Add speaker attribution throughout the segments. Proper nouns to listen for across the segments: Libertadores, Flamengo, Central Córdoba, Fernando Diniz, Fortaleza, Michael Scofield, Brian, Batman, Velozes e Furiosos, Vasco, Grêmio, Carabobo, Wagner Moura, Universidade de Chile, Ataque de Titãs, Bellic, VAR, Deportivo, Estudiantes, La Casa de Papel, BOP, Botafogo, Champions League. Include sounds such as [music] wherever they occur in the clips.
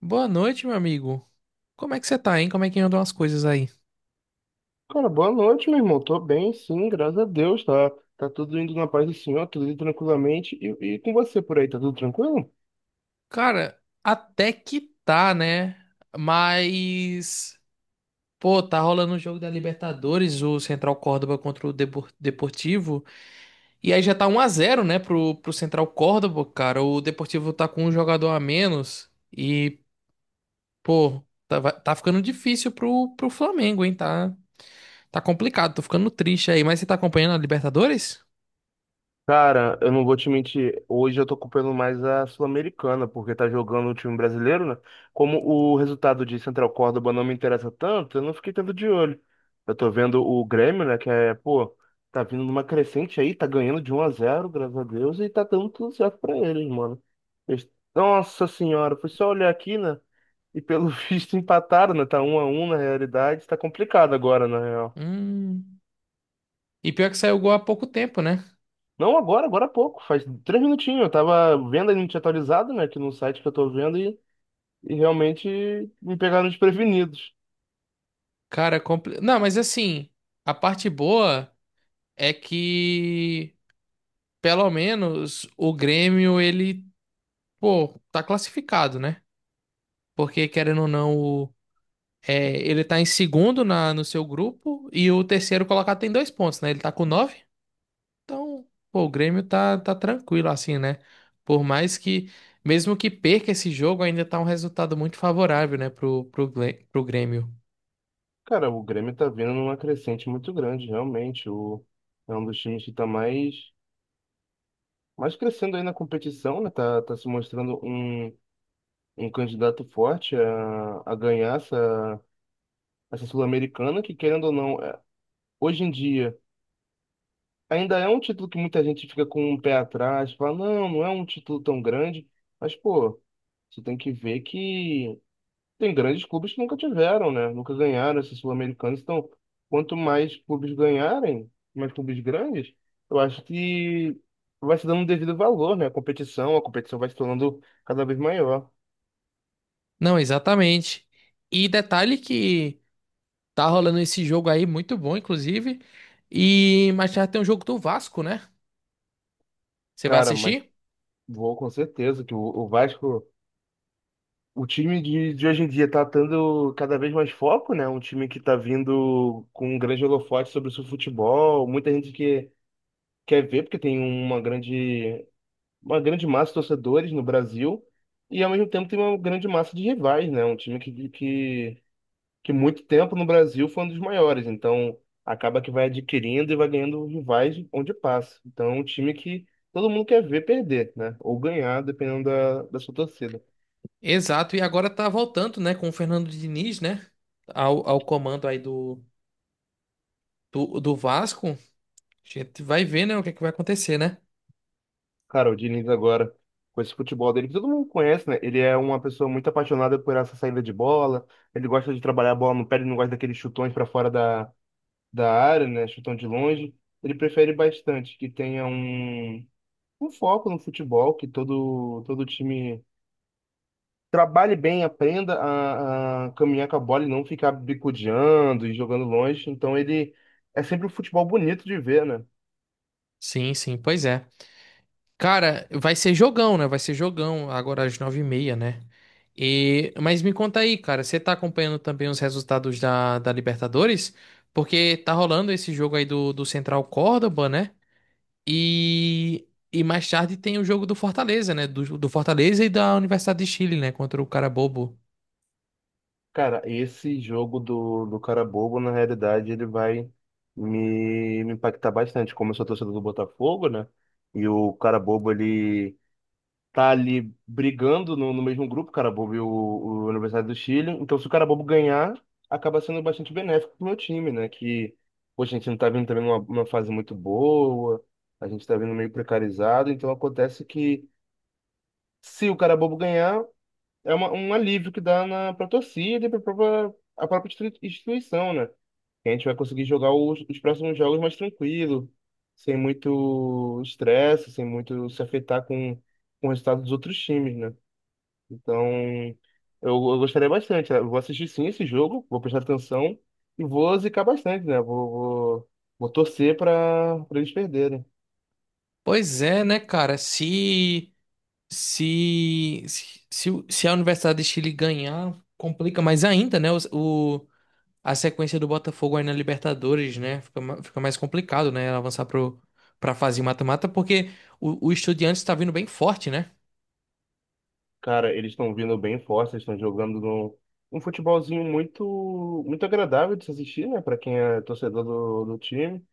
Speaker 1: Boa noite, meu amigo. Como é que você tá, hein? Como é que andam as coisas aí?
Speaker 2: Cara, boa noite, meu irmão. Tô bem, sim, graças a Deus, tá? Tá tudo indo na paz do Senhor, tudo indo tranquilamente. E com você por aí, tá tudo tranquilo?
Speaker 1: Cara, até que tá, né? Mas, tá rolando o jogo da Libertadores, o Central Córdoba contra o Deportivo. E aí já tá um a zero, né, pro Central Córdoba, cara. O Deportivo tá com um jogador a menos. Pô, tá ficando difícil pro Flamengo, hein? Tá, tá complicado, tô ficando triste aí. Mas você tá acompanhando a Libertadores?
Speaker 2: Cara, eu não vou te mentir, hoje eu tô culpando mais a Sul-Americana, porque tá jogando o time brasileiro, né? Como o resultado de Central Córdoba não me interessa tanto, eu não fiquei tanto de olho. Eu tô vendo o Grêmio, né, que é, pô, tá vindo numa crescente aí, tá ganhando de 1 a 0, graças a Deus, e tá dando tudo certo pra eles, mano. Eles- Nossa senhora, foi só olhar aqui, né? E pelo [laughs] visto empataram, né? Tá 1 a 1 na realidade, tá complicado agora, né?
Speaker 1: Hum. E pior que saiu o gol há pouco tempo, né?
Speaker 2: Não agora, agora há pouco, faz três minutinhos. Eu tava vendo a gente atualizado, né, aqui no site que eu tô vendo e realmente me pegaram desprevenidos.
Speaker 1: Cara, é não, mas assim, a parte boa é que pelo menos o Grêmio, pô, tá classificado, né? Porque querendo ou não, ele tá em segundo no seu grupo e o terceiro colocado tem dois pontos, né? Ele tá com nove, então, pô, o Grêmio tá tranquilo assim, né? Por mais que, Mesmo que perca esse jogo, ainda tá um resultado muito favorável, né, pro Grêmio.
Speaker 2: Cara, o Grêmio tá vindo numa crescente muito grande, realmente. É um dos times que tá mais crescendo aí na competição, né? Tá se mostrando um candidato forte a ganhar essa Sul-Americana, que querendo ou não, hoje em dia ainda é um título que muita gente fica com um pé atrás, fala, não, não é um título tão grande, mas, pô, você tem que ver que tem grandes clubes que nunca tiveram, né? Nunca ganharam esses sul-americanos, então, quanto mais clubes ganharem, mais clubes grandes, eu acho que vai se dando um devido valor, né? A competição vai se tornando cada vez maior.
Speaker 1: Não, exatamente. E detalhe que tá rolando esse jogo aí, muito bom, inclusive. E mais tarde tem um jogo do Vasco, né? Você vai
Speaker 2: Cara, mas
Speaker 1: assistir?
Speaker 2: vou com certeza que o Vasco. O time de hoje em dia tá tendo cada vez mais foco, né? Um time que tá vindo com um grande holofote sobre o seu futebol. Muita gente que quer ver, porque tem uma uma grande massa de torcedores no Brasil. E ao mesmo tempo tem uma grande massa de rivais, né? Um time que muito tempo no Brasil foi um dos maiores. Então acaba que vai adquirindo e vai ganhando rivais onde passa. Então é um time que todo mundo quer ver perder, né? Ou ganhar, dependendo da sua torcida.
Speaker 1: Exato, e agora tá voltando, né, com o Fernando Diniz, né? Ao comando aí do Vasco. A gente vai ver, né, o que é que vai acontecer, né?
Speaker 2: Cara, o Diniz agora, com esse futebol dele, que todo mundo conhece, né? Ele é uma pessoa muito apaixonada por essa saída de bola. Ele gosta de trabalhar a bola no pé, ele não gosta daqueles chutões para fora da área, né? Chutão de longe. Ele prefere bastante que tenha um foco no futebol, que todo time trabalhe bem, aprenda a caminhar com a bola e não ficar bicudeando e jogando longe. Então ele é sempre um futebol bonito de ver, né?
Speaker 1: Sim, sim, pois é. Cara, vai ser jogão, né? Vai ser jogão agora às nove e meia, né? E mas me conta aí, cara, você tá acompanhando também os resultados da Libertadores? Porque tá rolando esse jogo aí do Central Córdoba, né? E mais tarde tem o jogo do Fortaleza, né? Do Fortaleza e da Universidade de Chile, né? Contra o Carabobo.
Speaker 2: Cara, esse jogo do cara bobo, na realidade, ele vai me impactar bastante. Como eu sou torcedor do Botafogo, né? E o cara bobo, ele tá ali brigando no mesmo grupo, o cara bobo e o Universidade do Chile. Então, se o cara bobo ganhar, acaba sendo bastante benéfico pro meu time, né? Que, poxa, a gente não tá vindo também numa, numa fase muito boa, a gente tá vindo meio precarizado. Então, acontece que se o cara bobo ganhar é uma, um alívio que dá na, pra torcida e pra própria, a própria instituição, né? Que a gente vai conseguir jogar os próximos jogos mais tranquilo, sem muito estresse, sem muito se afetar com o resultado dos outros times, né? Então, eu gostaria bastante. Eu vou assistir sim esse jogo, vou prestar atenção e vou zicar bastante, né? Vou torcer para eles perderem.
Speaker 1: Pois é, né, cara? Se a Universidade de Chile ganhar, complica mais ainda, né? A sequência do Botafogo aí na Libertadores, né? Fica mais complicado, né? Avançar pra fase mata-mata, porque o Estudiantes tá vindo bem forte, né?
Speaker 2: Cara, eles estão vindo bem fortes, eles estão jogando num, um futebolzinho muito agradável de se assistir, né? Para quem é torcedor do time.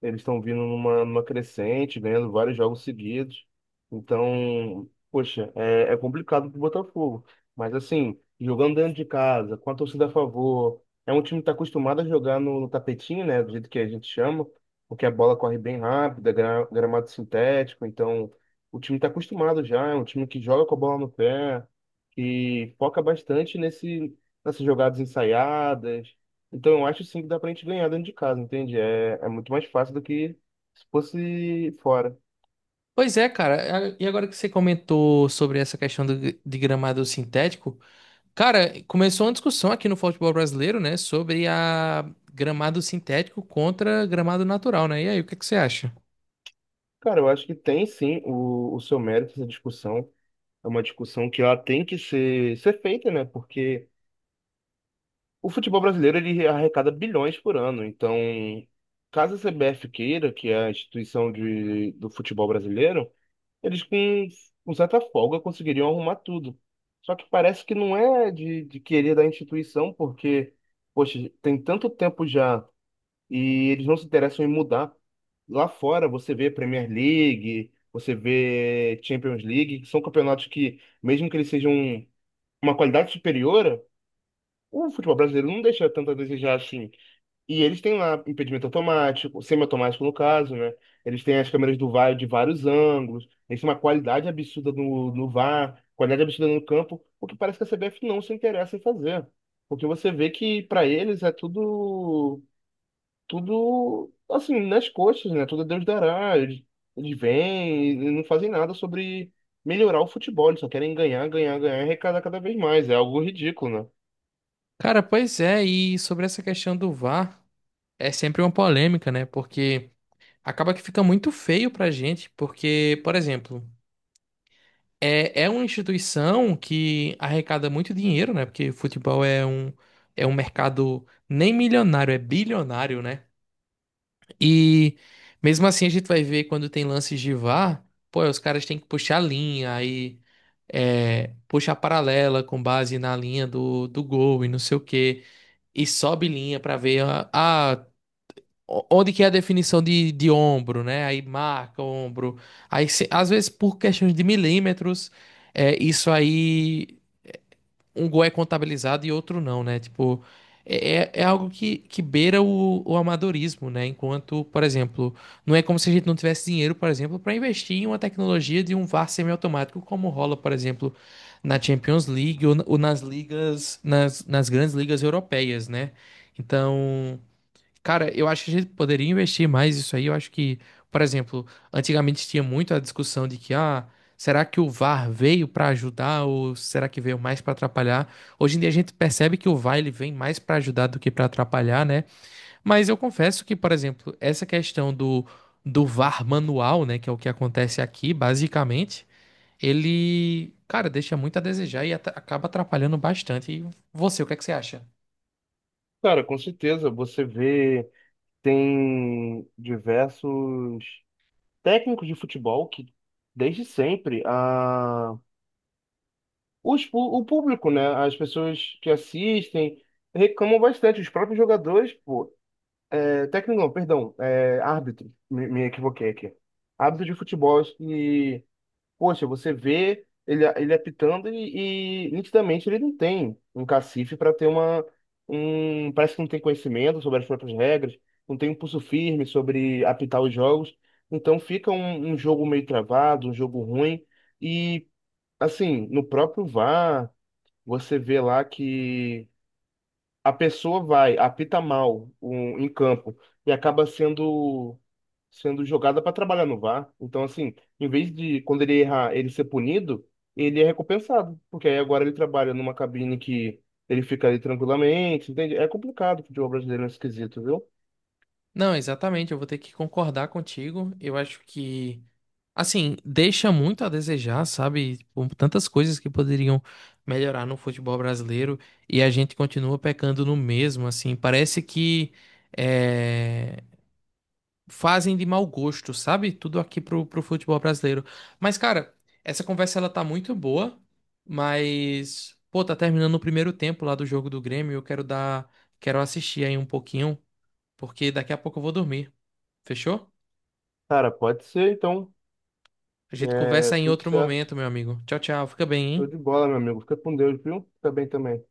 Speaker 2: Eles estão vindo numa, numa crescente, ganhando vários jogos seguidos. Então, poxa, é complicado pro Botafogo. Mas assim, jogando dentro de casa, com a torcida a favor, é um time que está acostumado a jogar no tapetinho, né? Do jeito que a gente chama, porque a bola corre bem rápida, gramado sintético. Então, o time está acostumado já. É um time que joga com a bola no pé, que foca bastante nesse, nessas jogadas ensaiadas, então eu acho sim que dá pra gente ganhar dentro de casa, entende? É muito mais fácil do que se fosse fora.
Speaker 1: Pois é, cara. E agora que você comentou sobre essa questão do, de gramado sintético. Cara, começou uma discussão aqui no futebol brasileiro, né, sobre a gramado sintético contra gramado natural, né? E aí, o que é que você acha?
Speaker 2: Cara, eu acho que tem sim o seu mérito essa discussão. É uma discussão que ela tem que ser feita, né? Porque o futebol brasileiro ele arrecada bilhões por ano. Então, caso a CBF queira, que é a instituição do futebol brasileiro, eles com certa folga conseguiriam arrumar tudo. Só que parece que não é de querer da instituição, porque, poxa, tem tanto tempo já e eles não se interessam em mudar. Lá fora você vê Premier League, você vê Champions League, que são campeonatos que, mesmo que eles sejam uma qualidade superior, o futebol brasileiro não deixa tanto a desejar assim. E eles têm lá impedimento automático, semiautomático no caso, né? Eles têm as câmeras do VAR de vários ângulos, eles têm uma qualidade absurda no VAR, qualidade absurda no campo, o que parece que a CBF não se interessa em fazer. Porque você vê que para eles é tudo assim nas costas, né? Tudo é Deus dará. Eles vêm e não fazem nada sobre melhorar o futebol, eles só querem ganhar, ganhar, ganhar e arrecadar cada vez mais. É algo ridículo, né?
Speaker 1: Cara, pois é, e sobre essa questão do VAR, é sempre uma polêmica, né? Porque acaba que fica muito feio pra gente, porque, por exemplo, é, é uma instituição que arrecada muito dinheiro, né? Porque futebol é um mercado nem milionário, é bilionário, né? E mesmo assim a gente vai ver quando tem lances de VAR, pô, os caras têm que puxar a linha, aí é, puxa a paralela com base na linha do gol e não sei o quê, e sobe linha pra ver onde que é a definição de ombro, né? Aí marca o ombro. Aí se- Às vezes por questões de milímetros, é, isso aí um gol é contabilizado e outro não, né? Tipo, é algo que beira o amadorismo, né? Enquanto, por exemplo, não é como se a gente não tivesse dinheiro, por exemplo, para investir em uma tecnologia de um VAR semiautomático, como rola, por exemplo, na Champions League ou nas ligas, nas grandes ligas europeias, né? Então, cara, eu acho que a gente poderia investir mais isso aí. Eu acho que, por exemplo, antigamente tinha muito a discussão de que, ah, será que o VAR veio para ajudar ou será que veio mais para atrapalhar? Hoje em dia a gente percebe que o VAR ele vem mais para ajudar do que para atrapalhar, né? Mas eu confesso que, por exemplo, essa questão do VAR manual, né, que é o que acontece aqui, basicamente, ele, cara, deixa muito a desejar e acaba atrapalhando bastante. E você, o que é que você acha?
Speaker 2: Cara, com certeza, você vê, tem diversos técnicos de futebol que desde sempre a o público, né? As pessoas que assistem reclamam bastante, os próprios jogadores, pô, Técnico não, perdão, é, árbitro, me equivoquei aqui. Árbitro de futebol que, poxa, você vê ele, ele apitando e nitidamente ele não tem um cacife para ter uma, um, parece que não tem conhecimento sobre as próprias regras, não tem um pulso firme sobre apitar os jogos, então fica um jogo meio travado, um jogo ruim e, assim, no próprio VAR, você vê lá que a pessoa vai, apita mal em campo e acaba sendo jogada para trabalhar no VAR. Então, assim, em vez de quando ele errar, ele ser punido, ele é recompensado, porque aí agora ele trabalha numa cabine que ele fica ali tranquilamente, entende? É complicado, o futebol brasileiro é esquisito, viu?
Speaker 1: Não, exatamente, eu vou ter que concordar contigo. Eu acho que, assim, deixa muito a desejar, sabe? Tipo, tantas coisas que poderiam melhorar no futebol brasileiro e a gente continua pecando no mesmo, assim. Parece que é, fazem de mau gosto, sabe? Tudo aqui pro futebol brasileiro. Mas, cara, essa conversa ela tá muito boa, mas, pô, tá terminando o primeiro tempo lá do jogo do Grêmio. Eu quero dar, quero assistir aí um pouquinho, porque daqui a pouco eu vou dormir. Fechou?
Speaker 2: Cara, pode ser, então.
Speaker 1: A gente
Speaker 2: É,
Speaker 1: conversa em
Speaker 2: tudo
Speaker 1: outro
Speaker 2: certo.
Speaker 1: momento, meu amigo. Tchau, tchau. Fica bem,
Speaker 2: Show
Speaker 1: hein?
Speaker 2: de bola, meu amigo. Fica com Deus, viu? Fica bem também.